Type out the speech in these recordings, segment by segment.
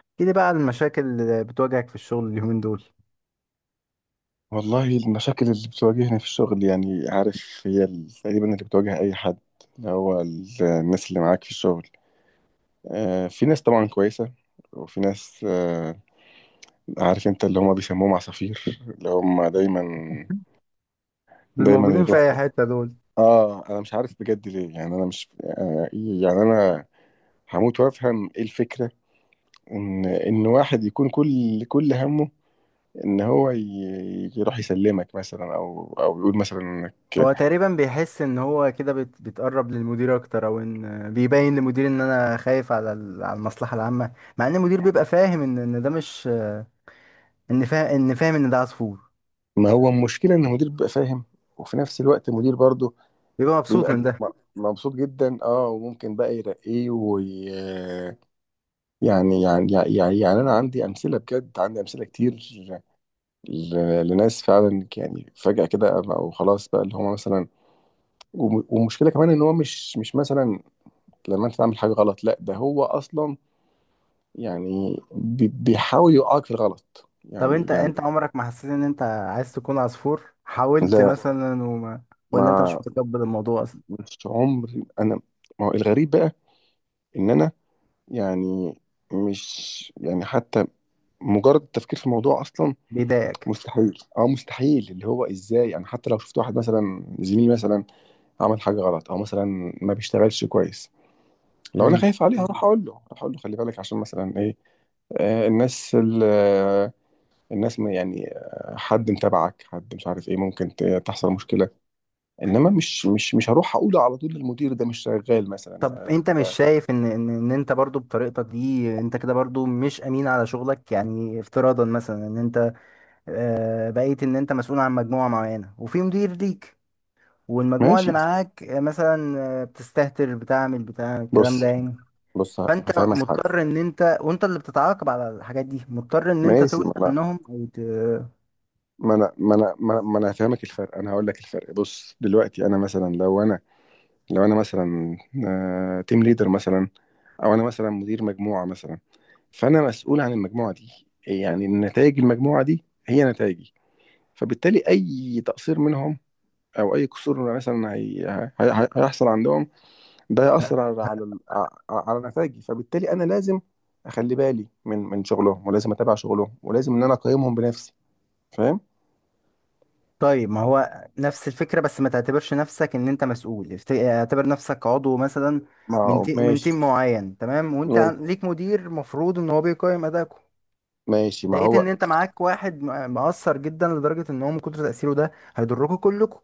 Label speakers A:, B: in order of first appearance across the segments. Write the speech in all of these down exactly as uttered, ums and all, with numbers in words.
A: احكي لي بقى عن المشاكل اللي بتواجهك في الشغل اليومين دول.
B: والله المشاكل اللي بتواجهني في الشغل، يعني عارف، هي ال- تقريبا اللي بتواجه أي حد، اللي هو ال- الناس اللي معاك في الشغل. آه، في ناس طبعا كويسة، وفي ناس آه، عارف انت اللي هم بيسموهم عصافير، اللي هم دايما
A: دول
B: دايما
A: موجودين في اي
B: يروحوا.
A: حتة دول.
B: اه انا مش عارف بجد ليه، يعني انا مش آه إيه، يعني انا هموت وافهم ايه الفكرة، ان ان واحد يكون كل كل همه ان هو ي- يروح يسلمك مثلا او او يقول مثلا.
A: هو تقريبا بيحس ان هو كده بيت- بيتقرب للمدير اكتر، او ان بيبين للمدير ان انا خايف على ال- على المصلحة العامة. مع ان المدير بيبقى فاهم ان ان ده مش، ان فاهم ان فاهم ان ده عصفور،
B: ما هو المشكلة إن المدير بيبقى فاهم، وفي نفس الوقت المدير برضه
A: بيبقى مبسوط
B: بيبقى
A: من ده.
B: م- مبسوط جدا، اه، وممكن بقى يرقيه وي... يعني يعني يعني يعني يعني انا عندي امثله بجد، عندي امثله كتير ل... لناس فعلا، يعني فجاه كده، او خلاص بقى اللي هم مثلا. وم... ومشكله كمان ان هو مش مش مثلا لما انت تعمل حاجه غلط، لا ده هو اصلا يعني بي... بيحاول يوقعك في الغلط.
A: طب
B: يعني
A: انت
B: يعني
A: انت عمرك ما حسيت ان انت عايز تكون عصفور، حاولت
B: لا.
A: مثلا وما... ولا انت مش
B: ما
A: متقبل الموضوع اصلا؟
B: مش عمري انا. ما هو الغريب بقى ان انا، يعني مش، يعني حتى مجرد التفكير في الموضوع اصلا
A: بيضايقك؟
B: مستحيل. اه مستحيل. اللي هو ازاي انا حتى لو شفت واحد مثلا، زميلي مثلا، عمل حاجه غلط او مثلا ما بيشتغلش كويس، لو انا
A: امم.
B: خايف عليه هروح اقول له، هروح اقول له خلي بالك، عشان مثلا ايه، آه الناس ال- آه، الناس، ما يعني آه، حد متابعك، حد مش عارف ايه، ممكن ت- تحصل مشكله. انما مش مش مش هروح اقوله على طول للمدير ده مش شغال مثلا،
A: طب
B: ده ده
A: انت مش
B: ده-
A: شايف ان ان ان انت برضو بطريقتك دي انت كده برضو مش امين على شغلك؟ يعني افتراضا مثلا ان انت آه، بقيت ان انت مسؤول عن مجموعة معينة وفي مدير ليك، والمجموعة اللي
B: ماشي.
A: معاك آه، مثلا آه، بتستهتر بتعمل بتاع الكلام ده
B: بص.
A: يعني،
B: بص
A: فانت
B: هفهمك حاجه.
A: مضطر ان انت، وانت اللي بتتعاقب على الحاجات دي مضطر ان انت
B: ماشي.
A: توجه عنهم او...
B: ما انا ما انا ما انا ما أنا هفهمك الفرق، انا هقول لك الفرق. بص دلوقتي انا مثلا، لو انا، لو انا مثلا تيم ليدر مثلا، او انا مثلا مدير مجموعه مثلا، فانا مسؤول عن المجموعه دي، يعني نتائج المجموعه دي هي نتائجي. فبالتالي اي تقصير منهم، او اي قصور مثلا هي... هي... هي- هيحصل عندهم، ده هيأثر على على ال- ع- على نتائجي. فبالتالي انا لازم اخلي بالي من من شغلهم، ولازم اتابع شغلهم، ولازم ان انا اقيمهم بنفسي. فاهم؟
A: طيب ما هو نفس الفكرة، بس ما تعتبرش نفسك ان انت مسؤول، افت- اعتبر نفسك عضو مثلا
B: ما
A: من
B: هو-
A: تي... من
B: ماشي.
A: تيم معين، تمام. وانت
B: ماشي.
A: عن- ليك مدير مفروض ان هو بيقيم ادائكم.
B: ماشي ما
A: لقيت
B: هو.
A: ان انت معاك واحد م- مقصر جدا لدرجة ان هو من كتر تأثيره ده هيضركم كلكم.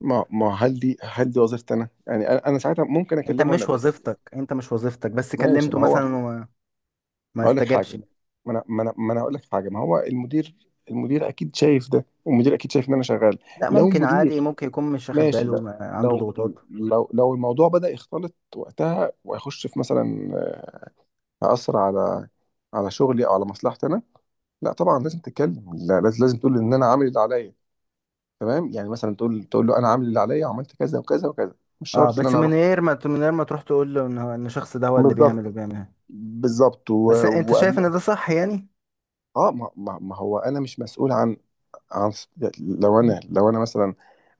B: ما، ما هل دي، هل دي وظيفتي انا، يعني انا أنا ساعتها ممكن
A: انت
B: اكلمه انا
A: مش
B: بس.
A: وظيفتك انت مش وظيفتك بس
B: ماشي
A: كلمته
B: ما هو.
A: مثلا وما ما
B: هقول لك حاجه.
A: استجابش.
B: ما انا ما انا ما انا هقول لك حاجه. ما هو المدير، المدير اكيد شايف ده، والمدير اكيد شايف ان انا شغال.
A: لا
B: لو
A: ممكن عادي،
B: مدير،
A: ممكن يكون مش واخد
B: ماشي
A: باله،
B: لو،
A: ما... عنده
B: لو،
A: ضغوطات.
B: لو لو الموضوع بدأ يختلط وقتها، وهيخش في مثلا، هأثر على، على شغلي، او على مصلحتي انا، لا طبعا لازم تتكلم. لا لازم، لازم تقول ان انا عامل اللي عليا، تمام، يعني مثلا تقول، تقول له انا عامل اللي عليا وعملت كذا وكذا وكذا. مش
A: اه
B: شرط ان
A: بس
B: انا
A: من
B: اروح.
A: غير ما من غير ما تروح تقول له ان هو- ان الشخص ده هو اللي بيعمل
B: بالظبط.
A: وبيعمل.
B: بالظبط
A: بس
B: و-
A: انت شايف
B: وقبل.
A: ان ده صح يعني؟
B: اه ما, ما, ما هو انا مش مسؤول عن، عن، لو انا، لو انا مثلا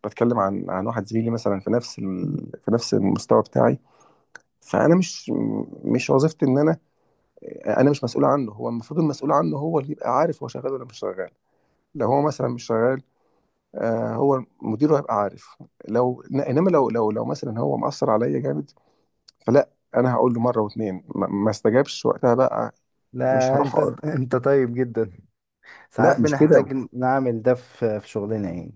B: بتكلم عن، عن واحد زميلي مثلا في نفس ال... في نفس المستوى بتاعي، فانا مش، مش وظيفتي ان انا، انا مش مسؤول عنه. هو المفروض المسؤول عنه هو اللي يبقى عارف هو شغال ولا مش شغال. لو هو مثلا مش شغال، آه هو مديره هيبقى عارف. لو انما لو، لو لو مثلا هو مأثر عليا جامد، فلا، انا هقول له مره واتنين، ما, ما استجابش وقتها بقى، مش
A: لا،
B: هروح
A: انت
B: أقول-
A: انت انت طيب جدا. ساعات
B: لا مش كده.
A: بنحتاج نعمل ده في في شغلنا يعني.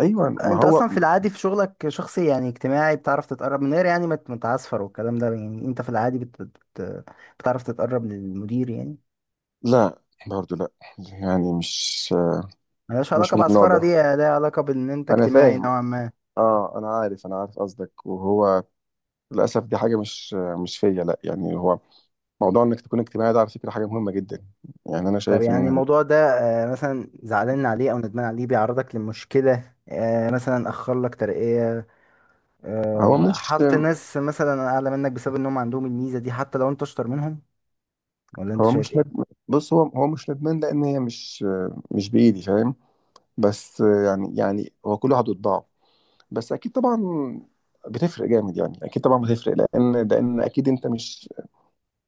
B: ايوه ما
A: انت
B: هو.
A: اصلا في العادي في شغلك شخصي يعني اجتماعي، بتعرف تتقرب من غير يعني ما ت- ما تعصفر والكلام ده يعني، انت في العادي بت... بت... بتعرف تتقرب للمدير يعني.
B: لا، برضو لا، يعني مش،
A: ملهاش
B: مش
A: علاقة
B: من النوع
A: بعصفرة،
B: ده.
A: دي لها علاقة بان انت
B: انا
A: اجتماعي
B: فاهم.
A: نوعا ما.
B: اه انا عارف، انا عارف قصدك، وهو للاسف دي حاجه مش مش فيا، لا يعني هو موضوع انك تكون اجتماعي ده على فكره حاجه مهمه جدا، يعني انا
A: طب
B: شايف
A: يعني
B: ان،
A: الموضوع ده آه، مثلا زعلان عليه او ندمان عليه بيعرضك لمشكلة، آه، مثلا اخر لك ترقية،
B: هو
A: آه،
B: مش،
A: حط ناس مثلا اعلى منك بسبب انهم عندهم الميزة دي حتى لو انت اشطر منهم، ولا انت
B: هو
A: شايف
B: مش
A: ايه؟
B: ندمان. بص، هو، هو مش ندمان لان هي مش، مش بايدي، فاهم؟ بس يعني، يعني هو كل واحد وطباعه. بس اكيد طبعا بتفرق جامد، يعني اكيد طبعا بتفرق، لان لان اكيد انت مش،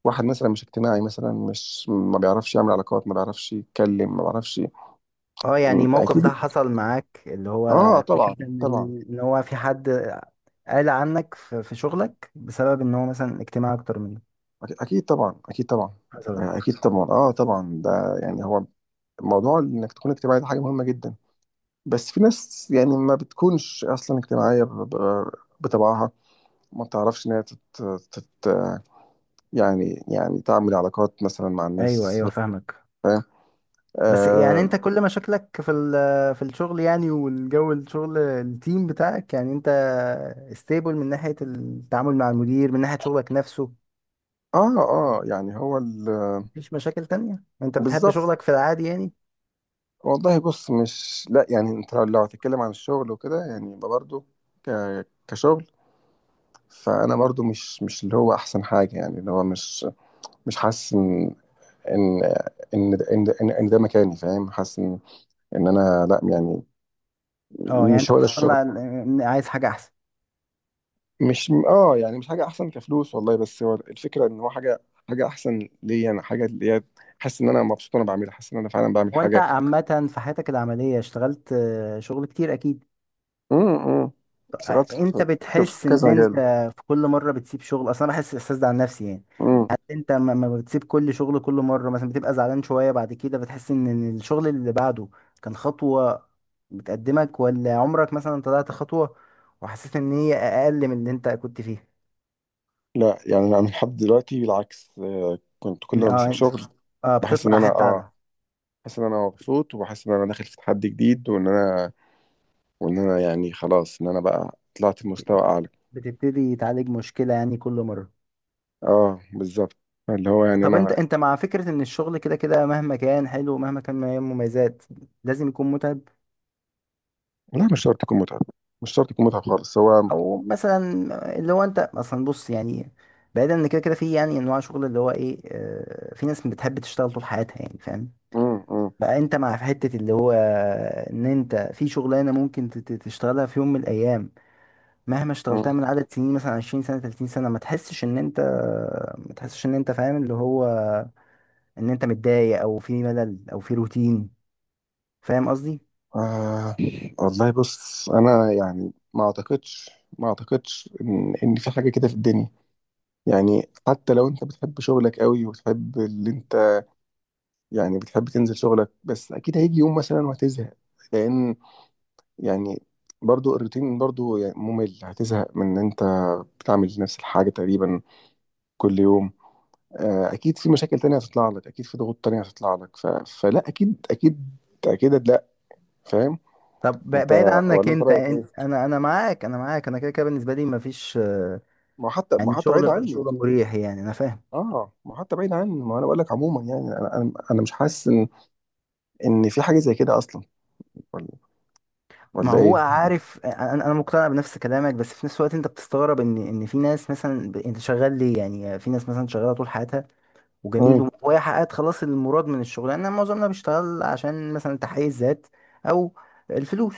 B: واحد مثلا مش اجتماعي مثلا، مش ما بيعرفش يعمل علاقات، ما بيعرفش يتكلم، ما بيعرفش.
A: اه يعني
B: م-
A: الموقف ده
B: اكيد.
A: حصل معاك، اللي
B: اه
A: هو فكرة
B: طبعا.
A: ان
B: طبعا.
A: ان هو في حد قال عنك في في شغلك بسبب ان هو مثلا اجتماعي اكتر منك،
B: أك- اكيد طبعا، اكيد طبعا،
A: حصلت؟
B: آه، اكيد طبعا، اه طبعا، ده يعني هو موضوع انك تكون اجتماعي ده حاجه مهمه جدا. بس في ناس يعني ما بتكونش اصلا اجتماعيه ب- ب- بطبعها، ما بتعرفش ان هي تت... تت... يعني، يعني تعمل علاقات مثلا مع
A: ايوه،
B: الناس.
A: ايوه، فاهمك.
B: فاهم.
A: بس يعني
B: اه.
A: انت كل مشاكلك في ال- في الشغل يعني، والجو الشغل التيم بتاعك، يعني انت ستيبل من ناحية التعامل مع المدير، من ناحية شغلك نفسه.
B: اه آه، يعني هو ال...
A: مفيش مشاكل تانية، انت بتحب
B: بالظبط.
A: شغلك في العادي يعني؟
B: والله بص، مش لا يعني، انت لو، لو هتتكلم عن الشغل وكده، يعني يبقى برضه ك... كشغل، فانا برضه مش، مش اللي هو احسن حاجه، يعني اللي هو مش، مش حاسس ان، ان، ان ده- ان, ده- إن, إن ده مكاني، فاهم؟ حاسس ان، ان انا لا يعني.
A: اه يعني انت
B: مش هو ده
A: بتطلع
B: الشغل.
A: ال- عايز حاجة احسن.
B: مش، اه يعني مش حاجه احسن كفلوس والله، بس هو الفكره ان هو حاجه، حاجه احسن ليا انا، حاجه اللي هي حاسس ان انا مبسوط وانا بعملها، حاسس ان انا فعلا بعمل
A: وانت
B: حاجه.
A: عامة في حياتك العملية اشتغلت آه، شغل كتير اكيد.
B: امم.
A: آه،
B: شغلت
A: انت
B: في، في
A: بتحس ان انت
B: كذا
A: في كل مرة بتسيب شغل اصلا؟ أنا بحس الاحساس ده عن نفسي يعني.
B: مجال.
A: هل انت ما ما بتسيب كل شغل كل مرة، مثلا بتبقى زعلان شوية بعد كده بتحس ان إن الشغل اللي بعده كان خطوة بتقدمك، ولا عمرك مثلا طلعت خطوة وحسيت ان هي اقل من اللي انت كنت فيه؟
B: لا يعني انا لحد دلوقتي بالعكس، آه، كنت كل ما
A: إن-
B: بسيب
A: اه.
B: شغل
A: اه
B: بحس ان
A: بتطلع
B: انا،
A: حتة
B: اه
A: اعلى.
B: بحس ان انا مبسوط، وبحس ان انا داخل في تحدي جديد، وان انا، وان انا يعني خلاص، ان انا بقى طلعت لمستوى اعلى.
A: بتبتدي تعالج مشكلة يعني كل مرة.
B: اه بالظبط. اللي هو يعني
A: طب انت
B: انا.
A: انت مع فكرة ان الشغل كده كده مهما كان حلو ومهما كان من مميزات لازم يكون متعب؟
B: لا مش شرط يكون متعب. مش شرط يكون متعب خالص. هو.
A: او مثلا، اللي هو انت اصلا بص يعني، بعيدا ان كده كده في يعني انواع شغل اللي هو ايه، اه، في ناس بتحب تشتغل طول حياتها يعني، فاهم.
B: مم. مم.
A: فانت مع في حتة اللي هو ان انت في شغلانة ممكن تت- تشتغلها في يوم من الايام، مهما
B: مم.
A: اشتغلتها من عدد سنين مثلا 20 سنة، 30 سنة، ما تحسش ان انت ما تحسش ان انت فاهم، اللي هو ان انت متضايق او في ملل او في روتين، فاهم قصدي؟
B: آه. والله بص انا يعني ما اعتقدش، ما اعتقدش ان، ان في حاجه كده في الدنيا. يعني حتى لو انت بتحب شغلك قوي، وتحب اللي انت، يعني بتحب تنزل شغلك، بس اكيد هيجي يوم مثلا وهتزهق، لان، يعني برضو الروتين برضو يعني ممل، هتزهق من ان انت بتعمل نفس الحاجة تقريبا كل يوم. آه، اكيد في مشاكل تانية هتطلع لك، اكيد في ضغوط تانية هتطلع لك ف... فلا اكيد، اكيد، اكيد لا. فاهم.
A: طب ب-
B: انت،
A: بعيد عنك
B: ولا انت
A: انت
B: رايك
A: انت-
B: ايه؟
A: انا انا معاك انا معاك، انا كده كده بالنسبه لي مفيش، آه،
B: ما هو حتى، ما
A: يعني
B: هو حتى بعيد
A: شغل
B: عني.
A: شغل مريح يعني، انا فاهم.
B: اه ما هو حتى بعيد عني، ما انا بقول لك عموما، يعني انا، انا أنا مش حاسس ان، ان في حاجة زي كده اصلا، ولا،
A: ما
B: ولا
A: هو
B: ايه؟
A: عارف، انا انا مقتنع بنفس كلامك، بس في نفس الوقت انت بتستغرب ان ان في ناس مثلا ب- انت شغال ليه، يعني في ناس مثلا شغاله طول حياتها
B: امم.
A: وجميل وهي حققت خلاص المراد من الشغل، انا معظمنا بيشتغل عشان مثلا تحقيق الذات او الفلوس.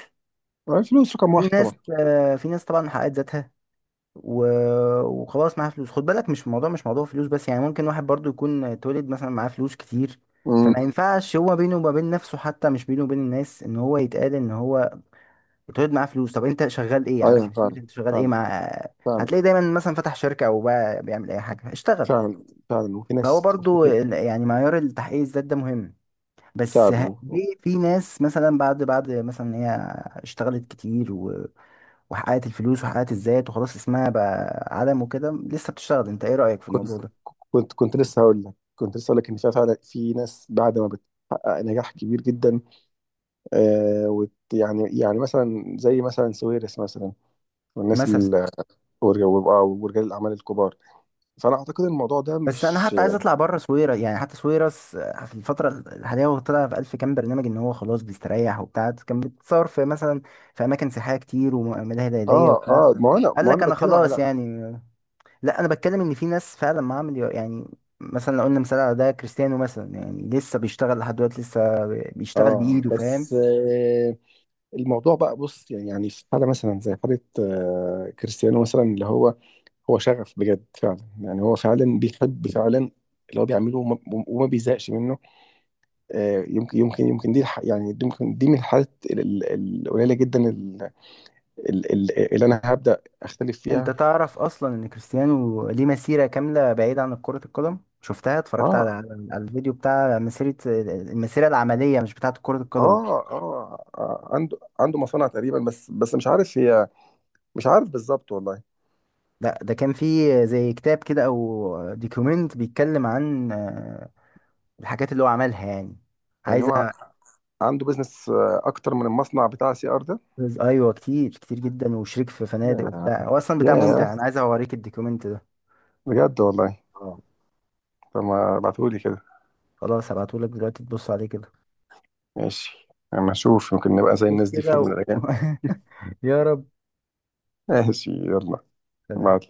B: الفلوس رقم
A: في
B: واحد طبعا.
A: ناس آه، في ناس طبعا حققت ذاتها و... وخلاص معاه فلوس، خد بالك مش الموضوع مش موضوع فلوس بس، يعني ممكن واحد برضو يكون اتولد مثلا معاه فلوس كتير. فما
B: امم.
A: ينفعش هو بينه وما بين نفسه، حتى مش بينه وبين الناس، ان هو يتقال ان هو اتولد معاه فلوس. طب انت شغال ايه، عارف
B: ايوه
A: كلمة
B: فعلا.
A: انت شغال ايه
B: فعلا.
A: مع...
B: فعلا.
A: هتلاقي دايما مثلا فتح شركة او بقى بيعمل اي حاجة، اشتغل.
B: فعلا. فعلا وفي
A: فهو
B: ناس
A: برضو ال- يعني معيار التحقيق الذات ده مهم. بس
B: فعلا
A: ه-
B: و-
A: ليه في ناس مثلا بعد بعد مثلا إن هي اشتغلت كتير وحققت الفلوس وحققت الذات وخلاص اسمها بقى عالم وكده لسه بتشتغل، انت ايه رأيك في
B: كنت،
A: الموضوع ده؟
B: كنت كنت لسه هقول لك، كنت لسه هقول لك ان في فعلا، في ناس بعد ما بتحقق نجاح كبير جدا، آه وت يعني، يعني مثلا زي مثلا سويرس مثلا، والناس
A: مثلا.
B: ال- ورج- وبقى- ورجال الاعمال الكبار، فانا اعتقد الموضوع ده
A: بس انا
B: مش.
A: حتى عايز اطلع بره سويرة، يعني حتى سويرس آه، في الفترة الحالية هو طلع في الف كام برنامج ان هو خلاص بيستريح وبتاع، كان بيتصور في مثلا في اماكن سياحية كتير وملاهي ليلية
B: اه
A: وبتاع.
B: اه ما انا،
A: قال
B: ما
A: لك
B: انا
A: انا
B: بتكلم على.
A: خلاص يعني. لا انا بتكلم ان في ناس فعلا معامل يعني، مثلا لو قلنا مثال على ده كريستيانو مثلا، يعني لسه بيشتغل لحد دلوقتي لسه بيشتغل اه
B: اه
A: بايده، فاهم.
B: بس آه الموضوع بقى، بص يعني، يعني في حاله مثلا زي حاله آه كريستيانو مثلا، اللي هو، هو شغف بجد فعلا، يعني هو فعلا بيحب فعلا اللي هو بيعمله، وما, وما بيزهقش منه. آه، يمكن، يمكن، يمكن دي الح- يعني دي، يمكن دي من الحالات ال- ال- القليله جدا، ال- ال- ال- اللي انا هبدا اختلف
A: انت
B: فيها.
A: تعرف اصلا ان كريستيانو ليه مسيرة كاملة بعيدة عن كرة القدم؟ شفتها، اتفرجت على
B: اه.
A: على الفيديو بتاع مسيرة المسيرة العملية مش بتاعة كرة القدم.
B: اه. اه آه، عنده، عنده مصانع تقريبا، بس بس مش عارف هي، مش عارف بالظبط والله.
A: لا ده كان فيه زي كتاب كده او ديكومنت بيتكلم عن آه، الحاجات اللي هو عملها يعني،
B: يعني
A: عايز
B: هو
A: أ-.
B: عنده بيزنس آه، اكتر من المصنع بتاع سي ار ده.
A: ايوه كتير كتير جدا، وشريك في فنادق
B: يا،
A: وبتاع، هو اصلا بتاع ممتع،
B: يا،
A: انا عايز اوريك الديكومنت ده.
B: بجد والله،
A: اه،
B: طب ما ابعتهولي كده.
A: خلاص هبعتهولك دلوقتي تبص عليه كده.
B: ماشي. اما اشوف، يمكن نبقى زي
A: شوف
B: الناس دي في
A: كده
B: يوم من
A: و...
B: الايام.
A: يا رب.
B: ماشي يلا. مع